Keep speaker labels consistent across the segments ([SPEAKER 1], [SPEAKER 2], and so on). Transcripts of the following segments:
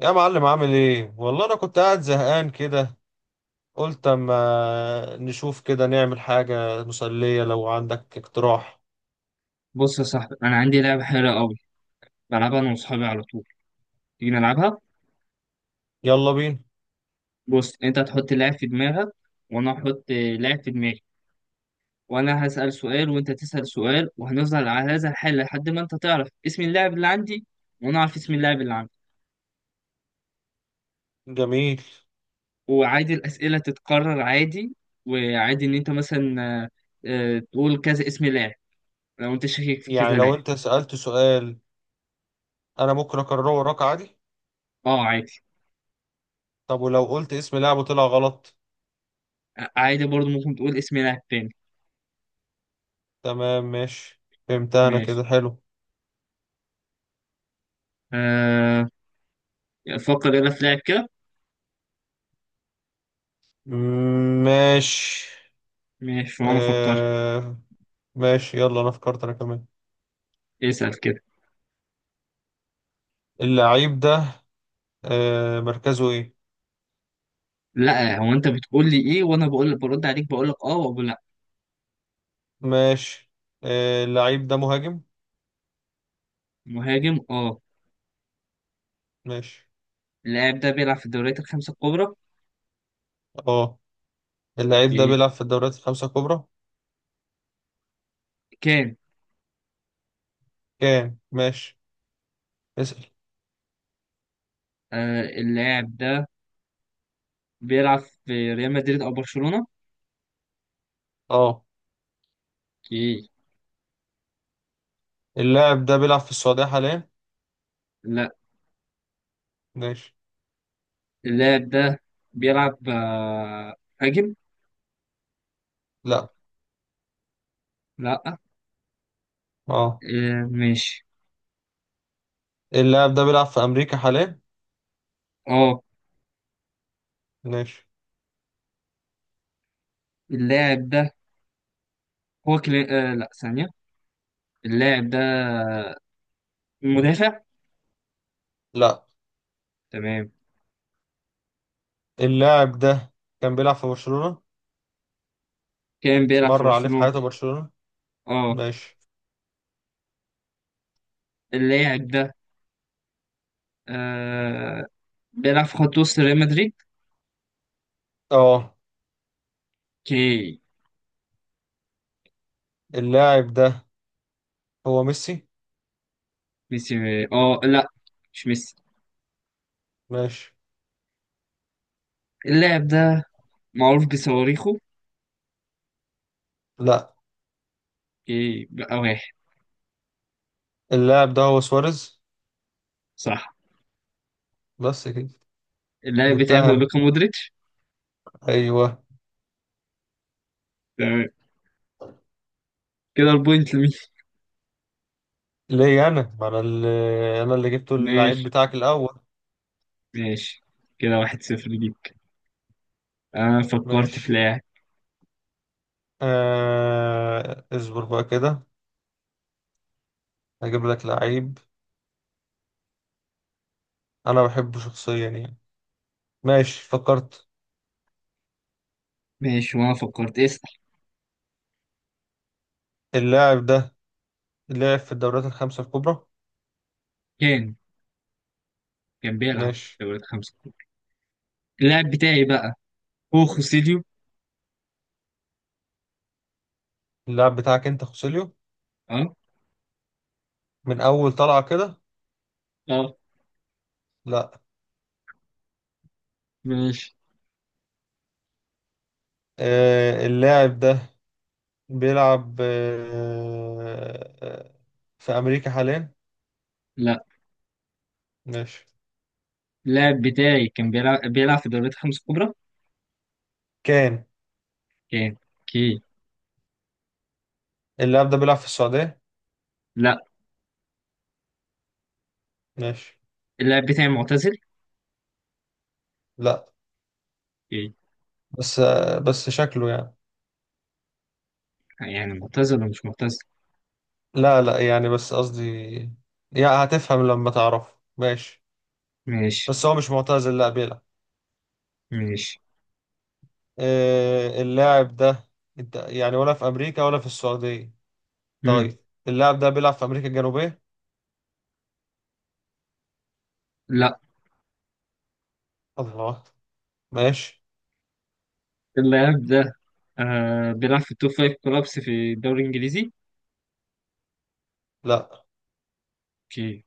[SPEAKER 1] يا معلم، عامل ايه؟ والله انا كنت قاعد زهقان كده. قلت اما نشوف كده نعمل حاجة مسلية. لو عندك اقتراح
[SPEAKER 2] بص يا صاحبي، انا عندي لعبه حلوه قوي، بلعبها انا واصحابي على طول. تيجي نلعبها؟
[SPEAKER 1] يلا بينا.
[SPEAKER 2] بص، انت تحط لاعب في دماغك وانا احط لاعب في دماغي، وانا هسال سؤال وانت تسال سؤال وهنفضل على هذا الحال لحد ما انت تعرف اسم اللاعب اللي عندي وانا اعرف اسم اللاعب اللي عندي.
[SPEAKER 1] جميل.
[SPEAKER 2] وعادي الاسئله تتكرر عادي، وعادي ان انت مثلا آه، تقول كذا اسم لاعب لو انت شاكك في
[SPEAKER 1] يعني
[SPEAKER 2] كذا لاعب.
[SPEAKER 1] لو انت سألت سؤال انا ممكن اكرره وراك عادي.
[SPEAKER 2] اه عادي.
[SPEAKER 1] طب ولو قلت اسم لاعب وطلع غلط؟
[SPEAKER 2] عادي برضه ممكن تقول اسم لاعب تاني.
[SPEAKER 1] تمام، ماشي. فهمت، انا
[SPEAKER 2] ماشي.
[SPEAKER 1] كده حلو.
[SPEAKER 2] أه، فكر يلا في لاعب كده.
[SPEAKER 1] مم، ماشي.
[SPEAKER 2] ماشي وانا افكر.
[SPEAKER 1] آه، ماشي. يلا انا فكرت انا كمان.
[SPEAKER 2] اسأل كده.
[SPEAKER 1] اللعيب ده مركزه ايه؟
[SPEAKER 2] لا، هو انت بتقول لي ايه وانا بقول برد عليك بقول لك اه وبقول لا.
[SPEAKER 1] ماشي. اللعيب ده مهاجم.
[SPEAKER 2] مهاجم اه.
[SPEAKER 1] ماشي.
[SPEAKER 2] اللاعب ده بيلعب في الدوريات الخمسة الكبرى.
[SPEAKER 1] اه، اللعيب ده
[SPEAKER 2] إيه.
[SPEAKER 1] بيلعب في الدوريات الخمسة الكبرى.
[SPEAKER 2] كان.
[SPEAKER 1] كام، ماشي، اسأل.
[SPEAKER 2] آه، اللاعب ده بيلعب في ريال مدريد او برشلونة؟
[SPEAKER 1] اه،
[SPEAKER 2] ايه؟
[SPEAKER 1] اللاعب ده بيلعب في السعودية حاليا؟
[SPEAKER 2] لا.
[SPEAKER 1] ماشي.
[SPEAKER 2] اللاعب ده بيلعب مهاجم.
[SPEAKER 1] لا.
[SPEAKER 2] لا.
[SPEAKER 1] اه،
[SPEAKER 2] آه ماشي.
[SPEAKER 1] اللاعب ده بيلعب في أمريكا حاليا؟
[SPEAKER 2] اه
[SPEAKER 1] ماشي.
[SPEAKER 2] اللاعب ده هو آه لا، ثانية. اللاعب ده مدافع.
[SPEAKER 1] لا.
[SPEAKER 2] تمام.
[SPEAKER 1] اللاعب ده كان بيلعب في برشلونة،
[SPEAKER 2] كان بيلعب في
[SPEAKER 1] مر عليه في
[SPEAKER 2] برشلونة
[SPEAKER 1] حياته برشلونة.
[SPEAKER 2] اه.
[SPEAKER 1] ماشي.
[SPEAKER 2] اللاعب ده آه بيلعب في خط وسط ريال مدريد.
[SPEAKER 1] اه،
[SPEAKER 2] اوكي.
[SPEAKER 1] اللاعب ده هو ميسي؟
[SPEAKER 2] ميسي اه لا، مش ميسي.
[SPEAKER 1] ماشي.
[SPEAKER 2] اللاعب ده معروف بصواريخه.
[SPEAKER 1] لا.
[SPEAKER 2] اوكي بقى واحد.
[SPEAKER 1] اللاعب ده هو سواريز.
[SPEAKER 2] صح.
[SPEAKER 1] بس كده.
[SPEAKER 2] اللاعب بتاعه
[SPEAKER 1] جبتها
[SPEAKER 2] هو
[SPEAKER 1] انا،
[SPEAKER 2] لوكا مودريتش.
[SPEAKER 1] ايوه.
[SPEAKER 2] تمام. كده البوينت لمين؟
[SPEAKER 1] ليه؟ انا، ما انا اللي جبته اللعيب
[SPEAKER 2] ماشي
[SPEAKER 1] بتاعك الاول.
[SPEAKER 2] ماشي. كده واحد صفر ليك. انا فكرت في
[SPEAKER 1] ماشي.
[SPEAKER 2] لاعب.
[SPEAKER 1] اصبر بقى كده، هجيب لك لعيب انا بحبه شخصيا يعني. ماشي، فكرت.
[SPEAKER 2] ماشي وانا فكرت، اسأل.
[SPEAKER 1] اللاعب ده لعب في الدوريات الخمسة الكبرى.
[SPEAKER 2] كان، كان بيلعب في
[SPEAKER 1] ماشي.
[SPEAKER 2] الدوري الخمسة الكبرى. اللاعب بتاعي بقى هو خوسيليو.
[SPEAKER 1] اللاعب بتاعك انت خوسيليو؟
[SPEAKER 2] اه.
[SPEAKER 1] من اول طلعة كده؟
[SPEAKER 2] اه
[SPEAKER 1] لا.
[SPEAKER 2] ماشي.
[SPEAKER 1] اللاعب ده بيلعب في امريكا حاليا؟
[SPEAKER 2] لا.
[SPEAKER 1] ماشي.
[SPEAKER 2] اللاعب بتاعي كان بيلعب في الدوريات الخمسة الكبرى.
[SPEAKER 1] كان
[SPEAKER 2] كان، اوكي.
[SPEAKER 1] اللاعب ده بيلعب في السعودية؟
[SPEAKER 2] لا.
[SPEAKER 1] ماشي.
[SPEAKER 2] اللاعب بتاعي معتزل.
[SPEAKER 1] لا. بس شكله يعني.
[SPEAKER 2] يعني معتزل ولا مش معتزل؟
[SPEAKER 1] لا لا، يعني بس قصدي، يعني هتفهم لما تعرف. ماشي.
[SPEAKER 2] ماشي
[SPEAKER 1] بس هو مش معتزل، لا بيلعب.
[SPEAKER 2] ماشي.
[SPEAKER 1] اللاعب ده، يعني ولا في امريكا ولا في السعوديه؟
[SPEAKER 2] مم.
[SPEAKER 1] طيب، اللاعب ده بيلعب في امريكا الجنوبيه؟
[SPEAKER 2] لا.
[SPEAKER 1] الله. ماشي.
[SPEAKER 2] اللاعب ده بيلعب في التوب فايف كلابس في الدوري الإنجليزي.
[SPEAKER 1] لا،
[SPEAKER 2] اوكي.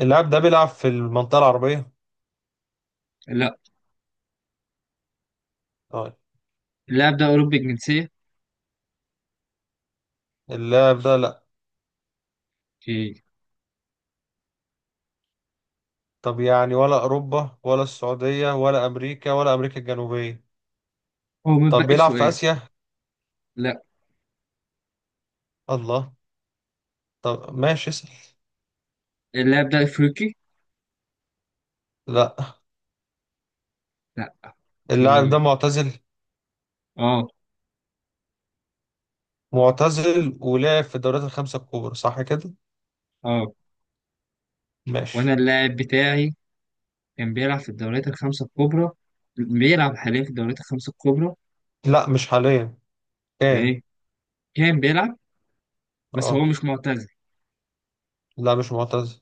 [SPEAKER 1] اللاعب ده بيلعب في المنطقه العربيه؟
[SPEAKER 2] لا.
[SPEAKER 1] طيب،
[SPEAKER 2] اللاعب ده أوروبي الجنسية.
[SPEAKER 1] اللاعب ده؟ لا.
[SPEAKER 2] اوكي.
[SPEAKER 1] طب يعني ولا اوروبا ولا السعوديه ولا امريكا ولا امريكا الجنوبيه؟
[SPEAKER 2] هو
[SPEAKER 1] طب
[SPEAKER 2] متبقي
[SPEAKER 1] بيلعب في
[SPEAKER 2] سؤال.
[SPEAKER 1] اسيا؟
[SPEAKER 2] لا.
[SPEAKER 1] الله. طب ماشي، اسال.
[SPEAKER 2] اللاعب ده أفريقي؟
[SPEAKER 1] لا.
[SPEAKER 2] لا.
[SPEAKER 1] اللاعب
[SPEAKER 2] اوكي.
[SPEAKER 1] ده معتزل؟
[SPEAKER 2] اه.
[SPEAKER 1] معتزل ولعب في الدوريات الخمسه الكبرى، صح كده؟
[SPEAKER 2] اه. وانا
[SPEAKER 1] ماشي.
[SPEAKER 2] اللاعب بتاعي كان بيلعب في الدوريات الخمسة الكبرى، بيلعب حاليا في الدوريات الخمسة الكبرى.
[SPEAKER 1] لا، مش حاليا، كان.
[SPEAKER 2] ايه، كان بيلعب. بس هو
[SPEAKER 1] اه،
[SPEAKER 2] مش معتزل.
[SPEAKER 1] لا، مش معتزل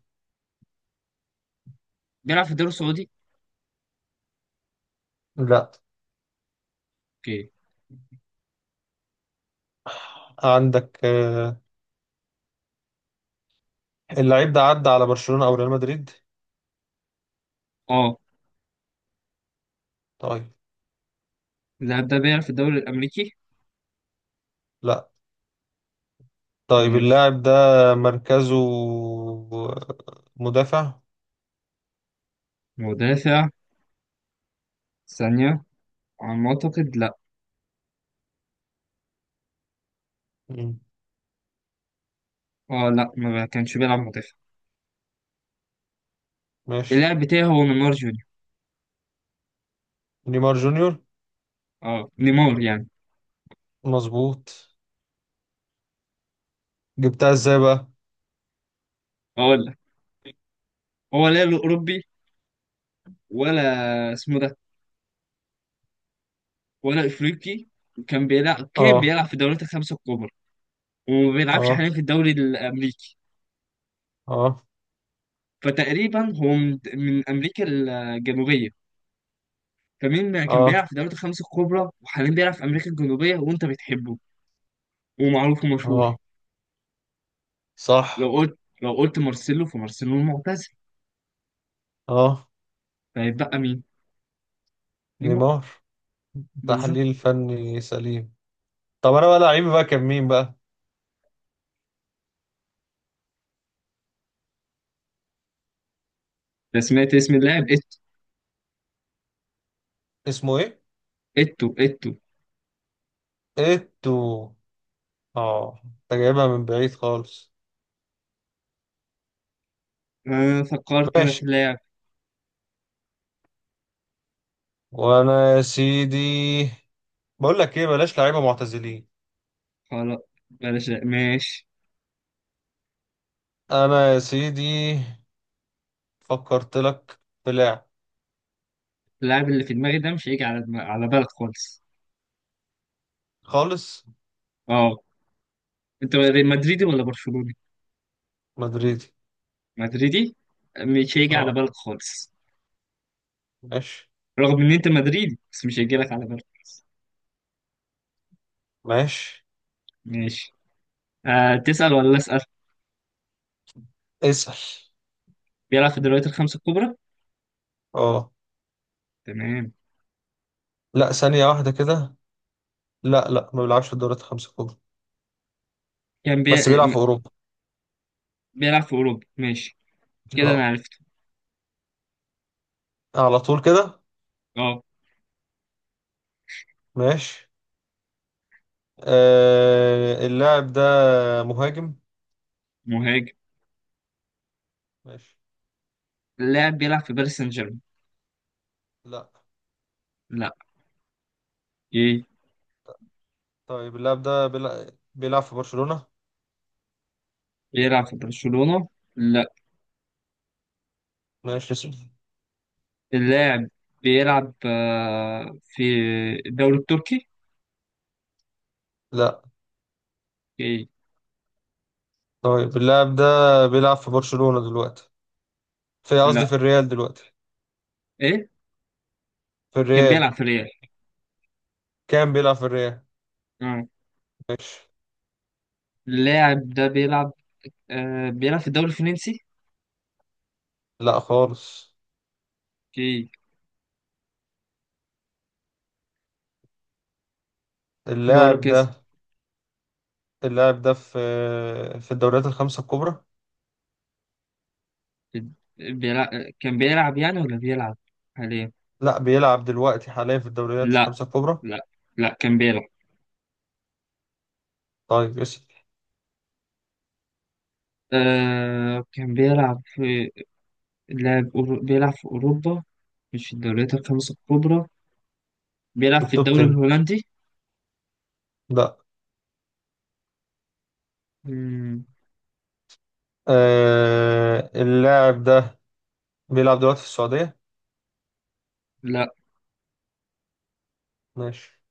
[SPEAKER 2] بيلعب في الدوري السعودي؟
[SPEAKER 1] لا.
[SPEAKER 2] اوكي.
[SPEAKER 1] عندك اللعيب ده عدى على برشلونة او ريال مدريد؟
[SPEAKER 2] اه.
[SPEAKER 1] طيب.
[SPEAKER 2] اللاعب ده بيلعب في الدوري الأمريكي؟
[SPEAKER 1] لا. طيب
[SPEAKER 2] ماشي.
[SPEAKER 1] اللاعب ده مركزه، آه، مدافع.
[SPEAKER 2] مدافع؟ ثانية. على ما أعتقد لأ.
[SPEAKER 1] مم.
[SPEAKER 2] أه لأ، ما كانش بيلعب مدافع.
[SPEAKER 1] ماشي.
[SPEAKER 2] اللاعب بتاعي هو نيمار جونيور.
[SPEAKER 1] نيمار جونيور،
[SPEAKER 2] أه نيمار يعني.
[SPEAKER 1] مظبوط. جبتها ازاي بقى؟
[SPEAKER 2] أقول لك، هو لا له أوروبي، ولا اسمه ده، ولا أفريقي، وكان بيلعب كان
[SPEAKER 1] اه،
[SPEAKER 2] بيلعب في الدوريات الخمسة الكبرى، وما بيلعبش
[SPEAKER 1] اه،
[SPEAKER 2] حاليا في الدوري الأمريكي،
[SPEAKER 1] اه،
[SPEAKER 2] فتقريبا هو من أمريكا الجنوبية. فمين كان بيلعب
[SPEAKER 1] اه،
[SPEAKER 2] في الدوريات الخمسة الكبرى وحاليا بيلعب في أمريكا الجنوبية وأنت بتحبه ومعروف ومشهور؟
[SPEAKER 1] اه. صح.
[SPEAKER 2] لو قلت مارسيلو، فمارسيلو المعتزل،
[SPEAKER 1] اه،
[SPEAKER 2] فهيتبقى مين؟
[SPEAKER 1] نيمار.
[SPEAKER 2] بالظبط.
[SPEAKER 1] تحليل فني سليم. طب انا بقى لعيب بقى كان مين بقى؟
[SPEAKER 2] أنا سمعت اسم اللاعب
[SPEAKER 1] اسمه ايه؟
[SPEAKER 2] إتو. إتو.
[SPEAKER 1] ايتو. اه، انت جايبها من بعيد خالص.
[SPEAKER 2] آه فكرت أنا في
[SPEAKER 1] ماشي.
[SPEAKER 2] اللاعب.
[SPEAKER 1] وانا، يا سيدي، بقول لك ايه، بلاش لعيبه معتزلين.
[SPEAKER 2] خلاص، بلاش. لا. ماشي.
[SPEAKER 1] انا يا سيدي فكرت لك في لاعب.
[SPEAKER 2] اللاعب اللي في دماغي ده مش هيجي على على بالك خالص.
[SPEAKER 1] خالص.
[SPEAKER 2] أه. أنت مدريدي ولا برشلوني؟
[SPEAKER 1] مدريدي.
[SPEAKER 2] مدريدي. مش هيجي على
[SPEAKER 1] اه.
[SPEAKER 2] بالك خالص.
[SPEAKER 1] ماشي.
[SPEAKER 2] رغم إن أنت مدريدي بس مش هيجي لك على بالك.
[SPEAKER 1] ماشي،
[SPEAKER 2] ماشي. آه تسأل ولا أسأل؟
[SPEAKER 1] اسأل.
[SPEAKER 2] بيلعب في الدوريات الخمسة الكبرى؟
[SPEAKER 1] اه.
[SPEAKER 2] تمام.
[SPEAKER 1] لا، ثانيه واحده كده. لا لا، ما بيلعبش في الدوريات الخمسه الكبرى،
[SPEAKER 2] كان
[SPEAKER 1] بس بيلعب في اوروبا.
[SPEAKER 2] بيلعب في أوروبا ماشي. كده أنا
[SPEAKER 1] اه،
[SPEAKER 2] عرفته.
[SPEAKER 1] على طول كده.
[SPEAKER 2] أه.
[SPEAKER 1] ماشي. اللاعب ده مهاجم.
[SPEAKER 2] مهاجم.
[SPEAKER 1] ماشي.
[SPEAKER 2] اللاعب بيلعب في باريس سان جيرمان؟
[SPEAKER 1] لا.
[SPEAKER 2] لا.
[SPEAKER 1] طيب اللاعب ده بيلعب في برشلونة؟
[SPEAKER 2] بيلعب في برشلونة؟ لا.
[SPEAKER 1] ماشي، اسأل.
[SPEAKER 2] اللاعب بيلعب في الدوري التركي؟
[SPEAKER 1] لا.
[SPEAKER 2] إيه؟
[SPEAKER 1] طيب اللاعب ده بيلعب في برشلونة دلوقتي؟ في، قصدي
[SPEAKER 2] لا.
[SPEAKER 1] في الريال دلوقتي،
[SPEAKER 2] ايه؟
[SPEAKER 1] في
[SPEAKER 2] كان
[SPEAKER 1] الريال،
[SPEAKER 2] بيلعب في ريال.
[SPEAKER 1] كان بيلعب في الريال.
[SPEAKER 2] آه.
[SPEAKER 1] ماشي.
[SPEAKER 2] اللاعب ده بيلعب بيلعب في الدوري الفرنسي؟
[SPEAKER 1] لا خالص.
[SPEAKER 2] اوكي. دوري
[SPEAKER 1] اللاعب
[SPEAKER 2] كاس.
[SPEAKER 1] ده اللاعب ده في الدوريات الخمسة الكبرى.
[SPEAKER 2] بيلعب، كان بيلعب يعني ولا بيلعب حاليا؟
[SPEAKER 1] لا، بيلعب دلوقتي حاليا في الدوريات
[SPEAKER 2] لا
[SPEAKER 1] الخمسة الكبرى.
[SPEAKER 2] لا. لا كان بيلعب.
[SPEAKER 1] طيب اسأل.
[SPEAKER 2] آه كان بيلعب في لاعب بيلعب في أوروبا مش في الدوريات الخمسة الكبرى. بيلعب
[SPEAKER 1] في
[SPEAKER 2] في
[SPEAKER 1] التوب
[SPEAKER 2] الدوري
[SPEAKER 1] 10.
[SPEAKER 2] الهولندي؟
[SPEAKER 1] لا.
[SPEAKER 2] مم،
[SPEAKER 1] اللاعب ده بيلعب دلوقتي في السعودية.
[SPEAKER 2] لا.
[SPEAKER 1] ماشي.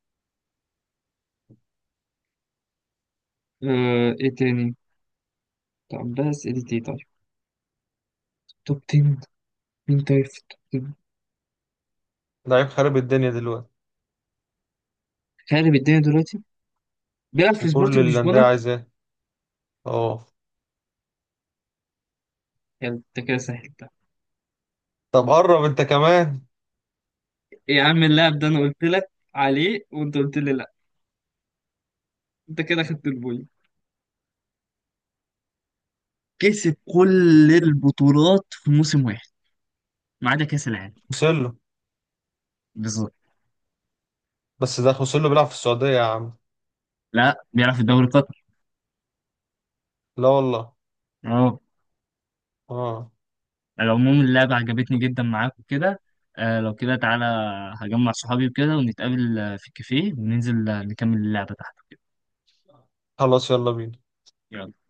[SPEAKER 2] آه، ايه تاني؟ طب ده اسئلة ايه طيب؟ توب 10. مين طيب في التوب 10؟
[SPEAKER 1] لعيب خارب الدنيا دلوقتي
[SPEAKER 2] خارب الدنيا دلوقتي. بيلعب في
[SPEAKER 1] وكل
[SPEAKER 2] سبورتنج
[SPEAKER 1] الأندية
[SPEAKER 2] لشبونة.
[SPEAKER 1] عايزاه. اه.
[SPEAKER 2] يلا انت كده سهلتها.
[SPEAKER 1] طب قرب انت كمان.
[SPEAKER 2] يا عم، اللاعب ده انا قلت لك عليه وانت قلت لي لا. انت كده خدت البوينت. كسب كل البطولات في موسم واحد ما عدا كأس العالم.
[SPEAKER 1] وصل له.
[SPEAKER 2] بالظبط.
[SPEAKER 1] بس ده خوسيلو بيلعب في السعودية يا عم.
[SPEAKER 2] لا بيلعب في الدوري القطري.
[SPEAKER 1] لا والله.
[SPEAKER 2] اه.
[SPEAKER 1] اه.
[SPEAKER 2] على العموم، اللعبة عجبتني جدا معاك وكده. آه لو كده تعالى، هجمع صحابي وكده ونتقابل في الكافيه وننزل نكمل اللعبة تحت وكده.
[SPEAKER 1] خلاص، يلا بينا.
[SPEAKER 2] يلا